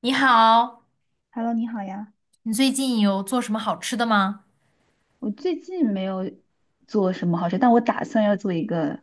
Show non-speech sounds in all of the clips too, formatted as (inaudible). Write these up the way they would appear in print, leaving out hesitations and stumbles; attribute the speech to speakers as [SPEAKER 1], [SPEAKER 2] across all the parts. [SPEAKER 1] 你好，
[SPEAKER 2] Hello，你好呀。
[SPEAKER 1] 你最近有做什么好吃的吗？
[SPEAKER 2] 我最近没有做什么好吃，但我打算要做一个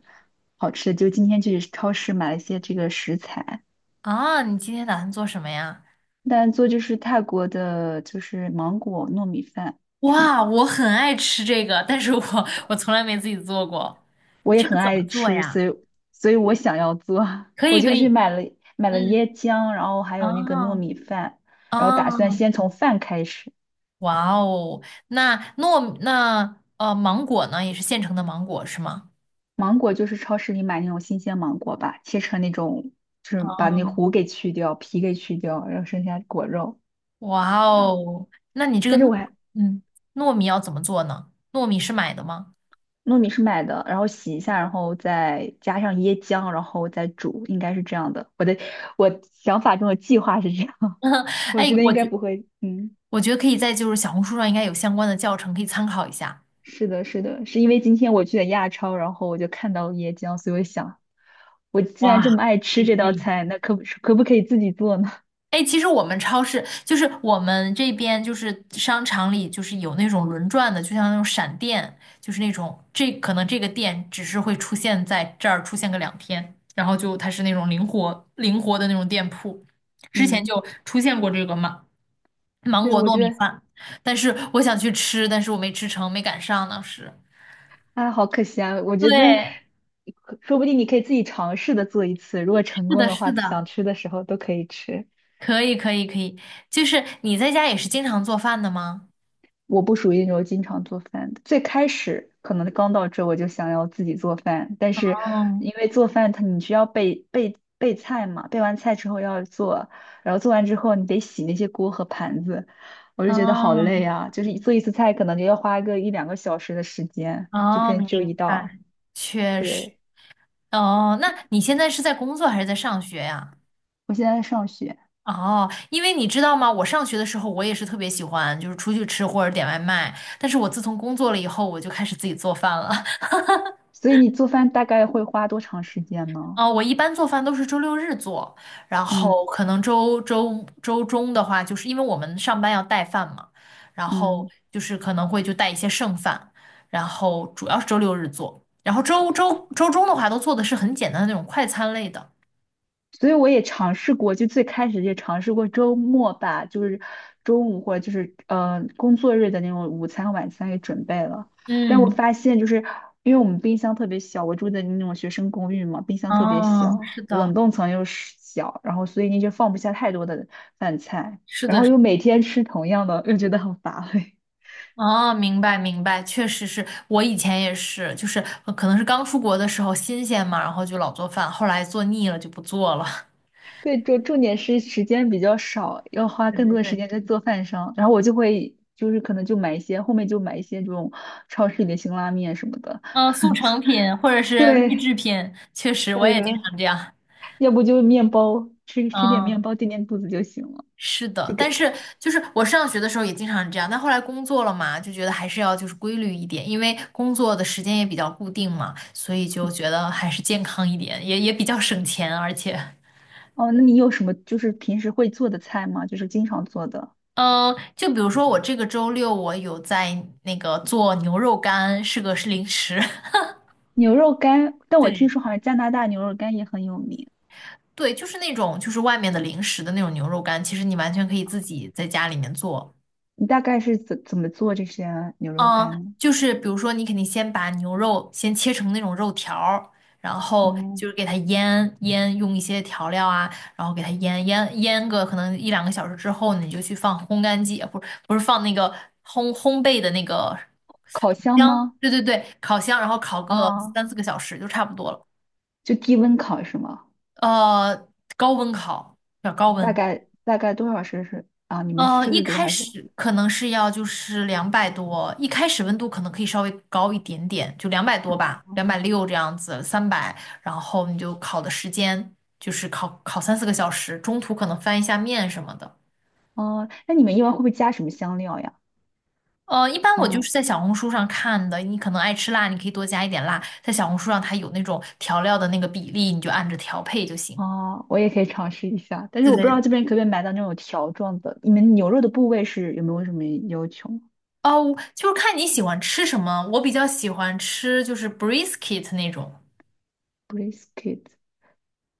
[SPEAKER 2] 好吃的，就今天去超市买了一些这个食材，
[SPEAKER 1] 啊，你今天打算做什么呀？
[SPEAKER 2] 但做就是泰国的，就是芒果糯米饭，是吗？
[SPEAKER 1] 哇，我很爱吃这个，但是我从来没自己做过。
[SPEAKER 2] 我也
[SPEAKER 1] 这个
[SPEAKER 2] 很
[SPEAKER 1] 怎
[SPEAKER 2] 爱
[SPEAKER 1] 么做
[SPEAKER 2] 吃，
[SPEAKER 1] 呀？
[SPEAKER 2] 所以我想要做，(laughs)
[SPEAKER 1] 可
[SPEAKER 2] 我
[SPEAKER 1] 以，可
[SPEAKER 2] 就去
[SPEAKER 1] 以。
[SPEAKER 2] 买了
[SPEAKER 1] 嗯，
[SPEAKER 2] 椰浆，然后还有那个糯
[SPEAKER 1] 啊
[SPEAKER 2] 米饭，然后
[SPEAKER 1] 啊，
[SPEAKER 2] 打算先从饭开始。
[SPEAKER 1] 哇哦，那芒果呢，也是现成的芒果是吗？
[SPEAKER 2] 芒果就是超市里买那种新鲜芒果吧，切成那种，就是把
[SPEAKER 1] 啊，
[SPEAKER 2] 那核给去掉，皮给去掉，然后剩下果肉。
[SPEAKER 1] 哇
[SPEAKER 2] 这样。
[SPEAKER 1] 哦，那你这个
[SPEAKER 2] 但是我还
[SPEAKER 1] 嗯糯米要怎么做呢？糯米是买的吗？
[SPEAKER 2] 糯米是买的，然后洗一下，然后再加上椰浆，然后再煮，应该是这样的。我想法中的计划是这样，(laughs) 我
[SPEAKER 1] 哎，
[SPEAKER 2] 觉得
[SPEAKER 1] 我
[SPEAKER 2] 应该
[SPEAKER 1] 觉
[SPEAKER 2] 不会。嗯，
[SPEAKER 1] 我觉得可以在就是小红书上应该有相关的教程可以参考一下。
[SPEAKER 2] 是的，是的，是因为今天我去了亚超，然后我就看到了椰浆，所以我想，我既然
[SPEAKER 1] 哇，
[SPEAKER 2] 这么爱
[SPEAKER 1] 可
[SPEAKER 2] 吃
[SPEAKER 1] 以
[SPEAKER 2] 这
[SPEAKER 1] 可
[SPEAKER 2] 道
[SPEAKER 1] 以。
[SPEAKER 2] 菜，那可不可以自己做呢？
[SPEAKER 1] 哎，其实我们超市就是我们这边就是商场里就是有那种轮转的，就像那种闪电，就是那种这可能这个店只是会出现在这儿出现个两天，然后就它是那种灵活灵活的那种店铺。
[SPEAKER 2] (laughs)
[SPEAKER 1] 之前
[SPEAKER 2] 嗯，
[SPEAKER 1] 就出现过这个芒芒
[SPEAKER 2] 对，
[SPEAKER 1] 果
[SPEAKER 2] 我
[SPEAKER 1] 糯
[SPEAKER 2] 觉
[SPEAKER 1] 米
[SPEAKER 2] 得
[SPEAKER 1] 饭，但是我想去吃，但是我没吃成，没赶上当时。
[SPEAKER 2] 啊，好可惜啊，我觉得。
[SPEAKER 1] 对，
[SPEAKER 2] 说不定你可以自己尝试的做一次，如果成
[SPEAKER 1] 是
[SPEAKER 2] 功
[SPEAKER 1] 的，
[SPEAKER 2] 的
[SPEAKER 1] 是
[SPEAKER 2] 话，
[SPEAKER 1] 的，
[SPEAKER 2] 想吃的时候都可以吃。
[SPEAKER 1] 可以可以可以。就是你在家也是经常做饭的吗？
[SPEAKER 2] 我不属于那种经常做饭的。最开始可能刚到这，我就想要自己做饭，但是
[SPEAKER 1] 哦。
[SPEAKER 2] 因为做饭它你需要备菜嘛，备完菜之后要做，然后做完之后你得洗那些锅和盘子，我就觉得好
[SPEAKER 1] 哦，
[SPEAKER 2] 累啊！就是做一次菜可能就要花个一两个小时的时间，就
[SPEAKER 1] 哦，
[SPEAKER 2] 可能
[SPEAKER 1] 明
[SPEAKER 2] 只有一
[SPEAKER 1] 白，
[SPEAKER 2] 道。
[SPEAKER 1] 确实。
[SPEAKER 2] 对，
[SPEAKER 1] 哦，那你现在是在工作还是在上学呀？
[SPEAKER 2] 我现在在上学，
[SPEAKER 1] 哦，因为你知道吗，我上学的时候我也是特别喜欢，就是出去吃或者点外卖。但是我自从工作了以后，我就开始自己做饭了。
[SPEAKER 2] 所以你做饭大概会花多长时间
[SPEAKER 1] (laughs)
[SPEAKER 2] 呢？
[SPEAKER 1] 哦，我一般做饭都是周六日做，然
[SPEAKER 2] 嗯
[SPEAKER 1] 后可能周中的话，就是因为我们上班要带饭嘛，然后
[SPEAKER 2] 嗯。
[SPEAKER 1] 就是可能会就带一些剩饭，然后主要是周六日做，然后周中的话都做的是很简单的那种快餐类的。
[SPEAKER 2] 所以我也尝试过，就最开始也尝试过周末吧，就是中午或者就是工作日的那种午餐、晚餐给准备了。但我
[SPEAKER 1] 嗯，
[SPEAKER 2] 发现就是因为我们冰箱特别小，我住的那种学生公寓嘛，冰箱特别
[SPEAKER 1] 哦，
[SPEAKER 2] 小，
[SPEAKER 1] 是
[SPEAKER 2] 冷
[SPEAKER 1] 的，
[SPEAKER 2] 冻层又是小，然后所以你就放不下太多的饭菜，
[SPEAKER 1] 是
[SPEAKER 2] 然
[SPEAKER 1] 的，
[SPEAKER 2] 后
[SPEAKER 1] 是的。
[SPEAKER 2] 又每天吃同样的，又觉得很乏味。
[SPEAKER 1] 哦，明白明白，确实是我以前也是，就是可能是刚出国的时候新鲜嘛，然后就老做饭，后来做腻了就不做了。(laughs)
[SPEAKER 2] 对，重点是时间比较少，要花
[SPEAKER 1] 对
[SPEAKER 2] 更
[SPEAKER 1] 对
[SPEAKER 2] 多的时
[SPEAKER 1] 对。
[SPEAKER 2] 间在做饭上。然后我就会就是可能就买一些，后面就买一些这种超市里的辛拉面什么的。
[SPEAKER 1] (laughs) 嗯，速成品或者是预
[SPEAKER 2] 对，
[SPEAKER 1] 制品，确实我
[SPEAKER 2] 对
[SPEAKER 1] 也经
[SPEAKER 2] 的，
[SPEAKER 1] 常这样。
[SPEAKER 2] 要不就面包，吃点面
[SPEAKER 1] 嗯，
[SPEAKER 2] 包垫垫肚子就行了，
[SPEAKER 1] 是
[SPEAKER 2] 就
[SPEAKER 1] 的，但
[SPEAKER 2] 给。
[SPEAKER 1] 是就是我上学的时候也经常这样，但后来工作了嘛，就觉得还是要就是规律一点，因为工作的时间也比较固定嘛，所以就
[SPEAKER 2] 嗯，
[SPEAKER 1] 觉得还是健康一点，也比较省钱，而且。
[SPEAKER 2] 哦，那你有什么就是平时会做的菜吗？就是经常做的
[SPEAKER 1] 嗯，就比如说我这个周六我有在那个做牛肉干，是零食。
[SPEAKER 2] 牛肉干，
[SPEAKER 1] (laughs)
[SPEAKER 2] 但我听
[SPEAKER 1] 对
[SPEAKER 2] 说好像加拿大牛肉干也很有名。
[SPEAKER 1] 对，就是那种就是外面的零食的那种牛肉干，其实你完全可以自己在家里面做。
[SPEAKER 2] 你大概是怎么做这些牛肉干
[SPEAKER 1] 嗯，
[SPEAKER 2] 呢？
[SPEAKER 1] 就是比如说你肯定先把牛肉先切成那种肉条儿，然后
[SPEAKER 2] 哦，
[SPEAKER 1] 就是给它腌腌，用一些调料啊，然后给它腌个可能一两个小时之后呢你就去放烘干机，不是不是放那个烘焙的那个。
[SPEAKER 2] 烤箱
[SPEAKER 1] 香，
[SPEAKER 2] 吗？
[SPEAKER 1] 对对对，烤箱，然后烤个
[SPEAKER 2] 啊，
[SPEAKER 1] 三四个小时就差不多了。
[SPEAKER 2] 就低温烤是吗？
[SPEAKER 1] 呃，高温烤，要高温。
[SPEAKER 2] 大概多少摄氏啊？你们是摄
[SPEAKER 1] 一
[SPEAKER 2] 氏度
[SPEAKER 1] 开
[SPEAKER 2] 还是？
[SPEAKER 1] 始可能是要就是两百多，一开始温度可能可以稍微高一点点，就两百多
[SPEAKER 2] 嗯
[SPEAKER 1] 吧，260这样子，300，然后你就烤的时间就是烤三四个小时，中途可能翻一下面什么的。
[SPEAKER 2] 哦，那你们一般会不会加什么香料呀？
[SPEAKER 1] 一般我就
[SPEAKER 2] 嗯
[SPEAKER 1] 是在小红书上看的，你可能爱吃辣，你可以多加一点辣，在小红书上它有那种调料的那个比例，你就按着调配就行。
[SPEAKER 2] 哦，我也可以尝试一下，但是
[SPEAKER 1] 对
[SPEAKER 2] 我不知道
[SPEAKER 1] 对。
[SPEAKER 2] 这边可不可以买到那种条状的。你们牛肉的部位是有没有什么要求
[SPEAKER 1] 哦，就是看你喜欢吃什么。我比较喜欢吃就是 brisket 那种，
[SPEAKER 2] ？Brisket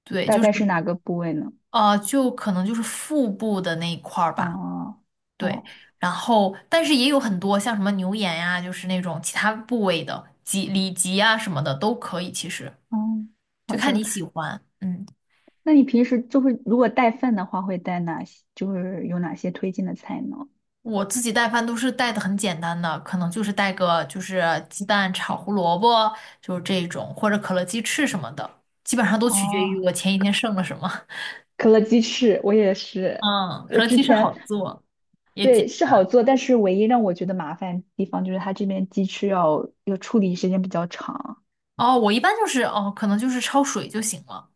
[SPEAKER 1] 对，
[SPEAKER 2] 大
[SPEAKER 1] 就是。
[SPEAKER 2] 概是哪个部位呢？
[SPEAKER 1] 就可能就是腹部的那一块儿吧，
[SPEAKER 2] 哦
[SPEAKER 1] 对。
[SPEAKER 2] 哦
[SPEAKER 1] 然后，但是也有很多像什么牛眼呀、就是那种其他部位的脊里脊啊什么的都可以，其实
[SPEAKER 2] 哦，
[SPEAKER 1] 就
[SPEAKER 2] 好
[SPEAKER 1] 看你
[SPEAKER 2] 的。
[SPEAKER 1] 喜欢。嗯，
[SPEAKER 2] 那你平时就会如果带饭的话，会带哪些？就是有哪些推荐的菜呢？
[SPEAKER 1] 我自己带饭都是带的很简单的，可能就是带个就是鸡蛋炒胡萝卜，就是这种，或者可乐鸡翅什么的，基本上都取决于
[SPEAKER 2] 哦，
[SPEAKER 1] 我前一天剩了什么。
[SPEAKER 2] 可乐鸡翅，我也是。
[SPEAKER 1] 嗯，
[SPEAKER 2] 我
[SPEAKER 1] 可乐
[SPEAKER 2] 之
[SPEAKER 1] 鸡翅
[SPEAKER 2] 前
[SPEAKER 1] 好做，也简
[SPEAKER 2] 对，是好做，但是唯一让我觉得麻烦的地方就是它这边鸡翅要处理时间比较长。
[SPEAKER 1] 单。哦，我一般就是哦，可能就是焯水就行了。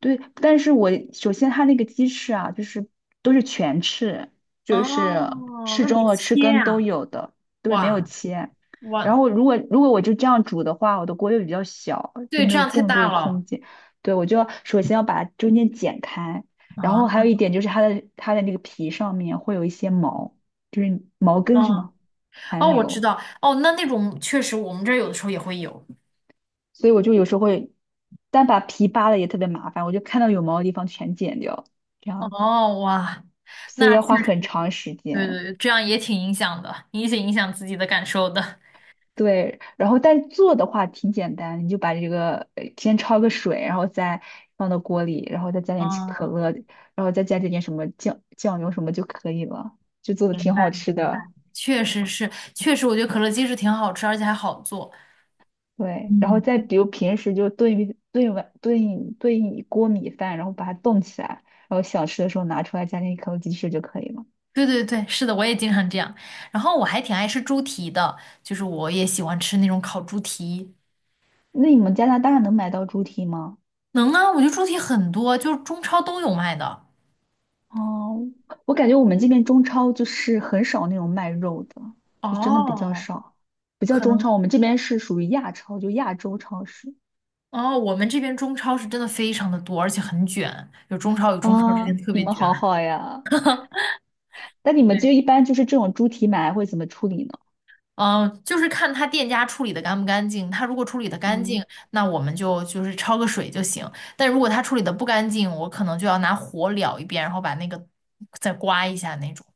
[SPEAKER 2] 对，但是我首先它那个鸡翅啊，就是都是全翅，就是
[SPEAKER 1] 哦，
[SPEAKER 2] 翅
[SPEAKER 1] 那
[SPEAKER 2] 中
[SPEAKER 1] 得
[SPEAKER 2] 和翅
[SPEAKER 1] 切
[SPEAKER 2] 根都
[SPEAKER 1] 呀、
[SPEAKER 2] 有的，对，没有
[SPEAKER 1] 哇
[SPEAKER 2] 切。然
[SPEAKER 1] 哇。
[SPEAKER 2] 后如果我就这样煮的话，我的锅又比较小，就
[SPEAKER 1] 对，
[SPEAKER 2] 没
[SPEAKER 1] 这
[SPEAKER 2] 有
[SPEAKER 1] 样太
[SPEAKER 2] 更多
[SPEAKER 1] 大
[SPEAKER 2] 的
[SPEAKER 1] 了
[SPEAKER 2] 空间。对，我就要首先要把中间剪开，然后还有
[SPEAKER 1] 啊！
[SPEAKER 2] 一点就是它的那个皮上面会有一些毛，就是毛根什
[SPEAKER 1] 哦
[SPEAKER 2] 么残
[SPEAKER 1] 哦，我知
[SPEAKER 2] 留。
[SPEAKER 1] 道哦，那种确实我们这儿有的时候也会有。
[SPEAKER 2] 所以我就有时候会，但把皮扒了也特别麻烦，我就看到有毛的地方全剪掉，这样子，
[SPEAKER 1] 哦哇，
[SPEAKER 2] 所以
[SPEAKER 1] 那
[SPEAKER 2] 要花
[SPEAKER 1] 确
[SPEAKER 2] 很
[SPEAKER 1] 实。
[SPEAKER 2] 长时
[SPEAKER 1] 对对
[SPEAKER 2] 间。
[SPEAKER 1] 对，这样也挺影响的，也挺影响自己的感受的。
[SPEAKER 2] 对，然后但做的话挺简单，你就把这个先焯个水，然后再放到锅里，然后再加点起可
[SPEAKER 1] 嗯，
[SPEAKER 2] 乐，然后再加这点什么酱油什么就可以了，就做的
[SPEAKER 1] 明
[SPEAKER 2] 挺
[SPEAKER 1] 白
[SPEAKER 2] 好
[SPEAKER 1] 明白，
[SPEAKER 2] 吃的。
[SPEAKER 1] 确实是，确实，我觉得可乐鸡翅挺好吃，而且还好做。
[SPEAKER 2] 对，然后
[SPEAKER 1] 嗯。
[SPEAKER 2] 再比如平时就炖一炖一锅米饭，然后把它冻起来，然后想吃的时候拿出来加点可乐鸡翅就可以了。
[SPEAKER 1] 对对对，是的，我也经常这样。然后我还挺爱吃猪蹄的，就是我也喜欢吃那种烤猪蹄。
[SPEAKER 2] 那你们加拿大能买到猪蹄吗？
[SPEAKER 1] 能啊，我觉得猪蹄很多，就是中超都有卖的。
[SPEAKER 2] 哦，我感觉我们这边中超就是很少那种卖肉的，就真的比较
[SPEAKER 1] 哦，
[SPEAKER 2] 少，不叫
[SPEAKER 1] 可
[SPEAKER 2] 中
[SPEAKER 1] 能。
[SPEAKER 2] 超，我们这边是属于亚超，就亚洲超市。
[SPEAKER 1] 哦，我们这边中超是真的非常的多，而且很卷，有中超，中超之
[SPEAKER 2] 啊，
[SPEAKER 1] 间特
[SPEAKER 2] 你
[SPEAKER 1] 别
[SPEAKER 2] 们
[SPEAKER 1] 卷。
[SPEAKER 2] 好好呀。那你们
[SPEAKER 1] 对。
[SPEAKER 2] 就一般就是这种猪蹄买来会怎么处理呢？
[SPEAKER 1] 嗯，就是看他店家处理的干不干净。他如果处理的干净，
[SPEAKER 2] 嗯，
[SPEAKER 1] 那我们就是焯个水就行。但如果他处理的不干净，我可能就要拿火燎一遍，然后把那个再刮一下那种，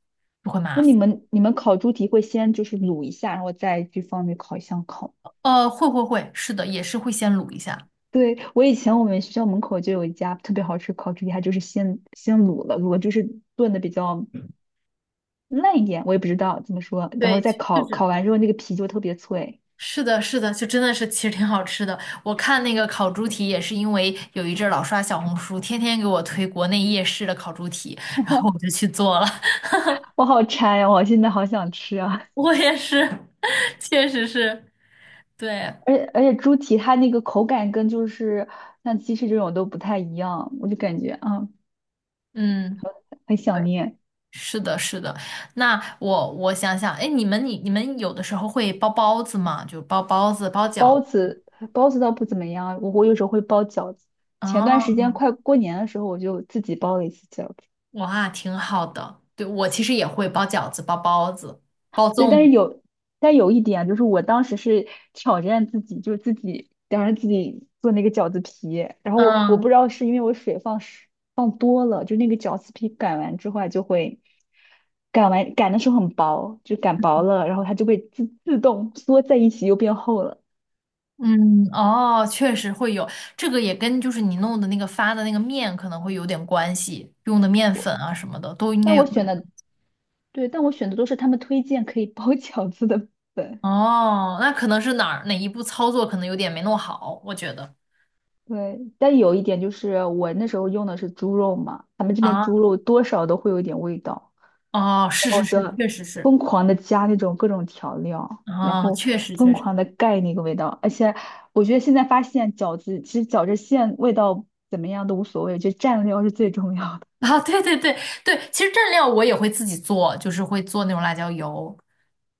[SPEAKER 1] 就会麻
[SPEAKER 2] 那
[SPEAKER 1] 烦。
[SPEAKER 2] 你们烤猪蹄会先就是卤一下，然后再去放那烤箱烤。
[SPEAKER 1] 会会会，是的，也是会先卤一下。
[SPEAKER 2] 对，我以前我们学校门口就有一家特别好吃烤猪蹄，它就是先卤了，卤了就是炖的比较烂一点，我也不知道怎么说。然后
[SPEAKER 1] 对，
[SPEAKER 2] 再
[SPEAKER 1] 就
[SPEAKER 2] 烤，
[SPEAKER 1] 是。
[SPEAKER 2] 烤完之后那个皮就特别脆，
[SPEAKER 1] 是的，是的，就真的是其实挺好吃的。我看那个烤猪蹄也是因为有一阵儿老刷小红书，天天给我推国内夜市的烤猪蹄，然后我就去做了。(laughs)
[SPEAKER 2] 我好馋呀、我现在好想吃啊！
[SPEAKER 1] 我也是。(laughs) 确实是，对，
[SPEAKER 2] (laughs) 而且猪蹄它那个口感跟就是像鸡翅这种都不太一样，我就感觉啊
[SPEAKER 1] 嗯，
[SPEAKER 2] 很想
[SPEAKER 1] 对，
[SPEAKER 2] 念。
[SPEAKER 1] 是的，是的。那我想想，哎，你们有的时候会包包子吗？就包包子、包饺
[SPEAKER 2] 包
[SPEAKER 1] 子。
[SPEAKER 2] 子包子倒不怎么样，我有时候会包饺子。前段时
[SPEAKER 1] 哦，
[SPEAKER 2] 间快过年的时候，我就自己包了一次饺子。
[SPEAKER 1] 哇，挺好的。对，我其实也会包饺子、包包子、包
[SPEAKER 2] 对，
[SPEAKER 1] 粽
[SPEAKER 2] 但
[SPEAKER 1] 子。
[SPEAKER 2] 是有，但有一点啊就是我当时是挑战自己，就是自己当时自己做那个饺子皮，然后我不
[SPEAKER 1] 嗯
[SPEAKER 2] 知道是因为我水放是放多了，就那个饺子皮擀完之后它就会擀的时候很薄，就擀薄了，然后它就会自动缩在一起又变厚了。
[SPEAKER 1] 嗯，哦，确实会有，这个也跟就是你弄的那个发的那个面可能会有点关系，用的面粉啊什么的都应该
[SPEAKER 2] 但
[SPEAKER 1] 有。
[SPEAKER 2] 我选的对，但我选的都是他们推荐可以包 (laughs) 饺子的粉。
[SPEAKER 1] 哦，那可能是哪一步操作可能有点没弄好，我觉得。
[SPEAKER 2] 对，但有一点就是我那时候用的是猪肉嘛，他们这边猪
[SPEAKER 1] 啊，
[SPEAKER 2] 肉多少都会有一点味道。
[SPEAKER 1] 哦，
[SPEAKER 2] 然
[SPEAKER 1] 是
[SPEAKER 2] 后
[SPEAKER 1] 是
[SPEAKER 2] 我
[SPEAKER 1] 是，
[SPEAKER 2] 就
[SPEAKER 1] 确实是，
[SPEAKER 2] 疯狂的加那种各种调料，然
[SPEAKER 1] 哦，
[SPEAKER 2] 后
[SPEAKER 1] 确实
[SPEAKER 2] 疯
[SPEAKER 1] 确实，
[SPEAKER 2] 狂的盖那个味道。而且我觉得现在发现其实饺子馅味道怎么样都无所谓，就蘸料是最重要的。
[SPEAKER 1] 啊，对对对对，其实蘸料我也会自己做，就是会做那种辣椒油。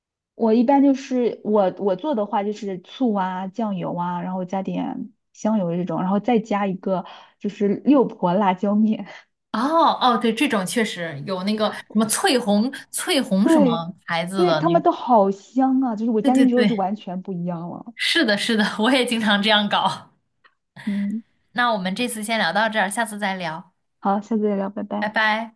[SPEAKER 2] (laughs) 我一般就是我做的话就是醋啊、酱油啊，然后加点香油这种，然后再加一个就是六婆辣椒面。
[SPEAKER 1] 哦哦，对，这种确实有那个什么翠红翠
[SPEAKER 2] (laughs)
[SPEAKER 1] 红什
[SPEAKER 2] 对，
[SPEAKER 1] 么牌子
[SPEAKER 2] 对，
[SPEAKER 1] 的
[SPEAKER 2] 他们
[SPEAKER 1] 那，
[SPEAKER 2] 都好香啊！就是我
[SPEAKER 1] 对
[SPEAKER 2] 加进
[SPEAKER 1] 对
[SPEAKER 2] 去之后就
[SPEAKER 1] 对，
[SPEAKER 2] 完全不一样了。
[SPEAKER 1] 是的，是的，(laughs) 我也经常这样搞。
[SPEAKER 2] 嗯，
[SPEAKER 1] 那我们这次先聊到这儿，下次再聊，
[SPEAKER 2] 好，下次再聊，拜
[SPEAKER 1] 拜
[SPEAKER 2] 拜。
[SPEAKER 1] 拜。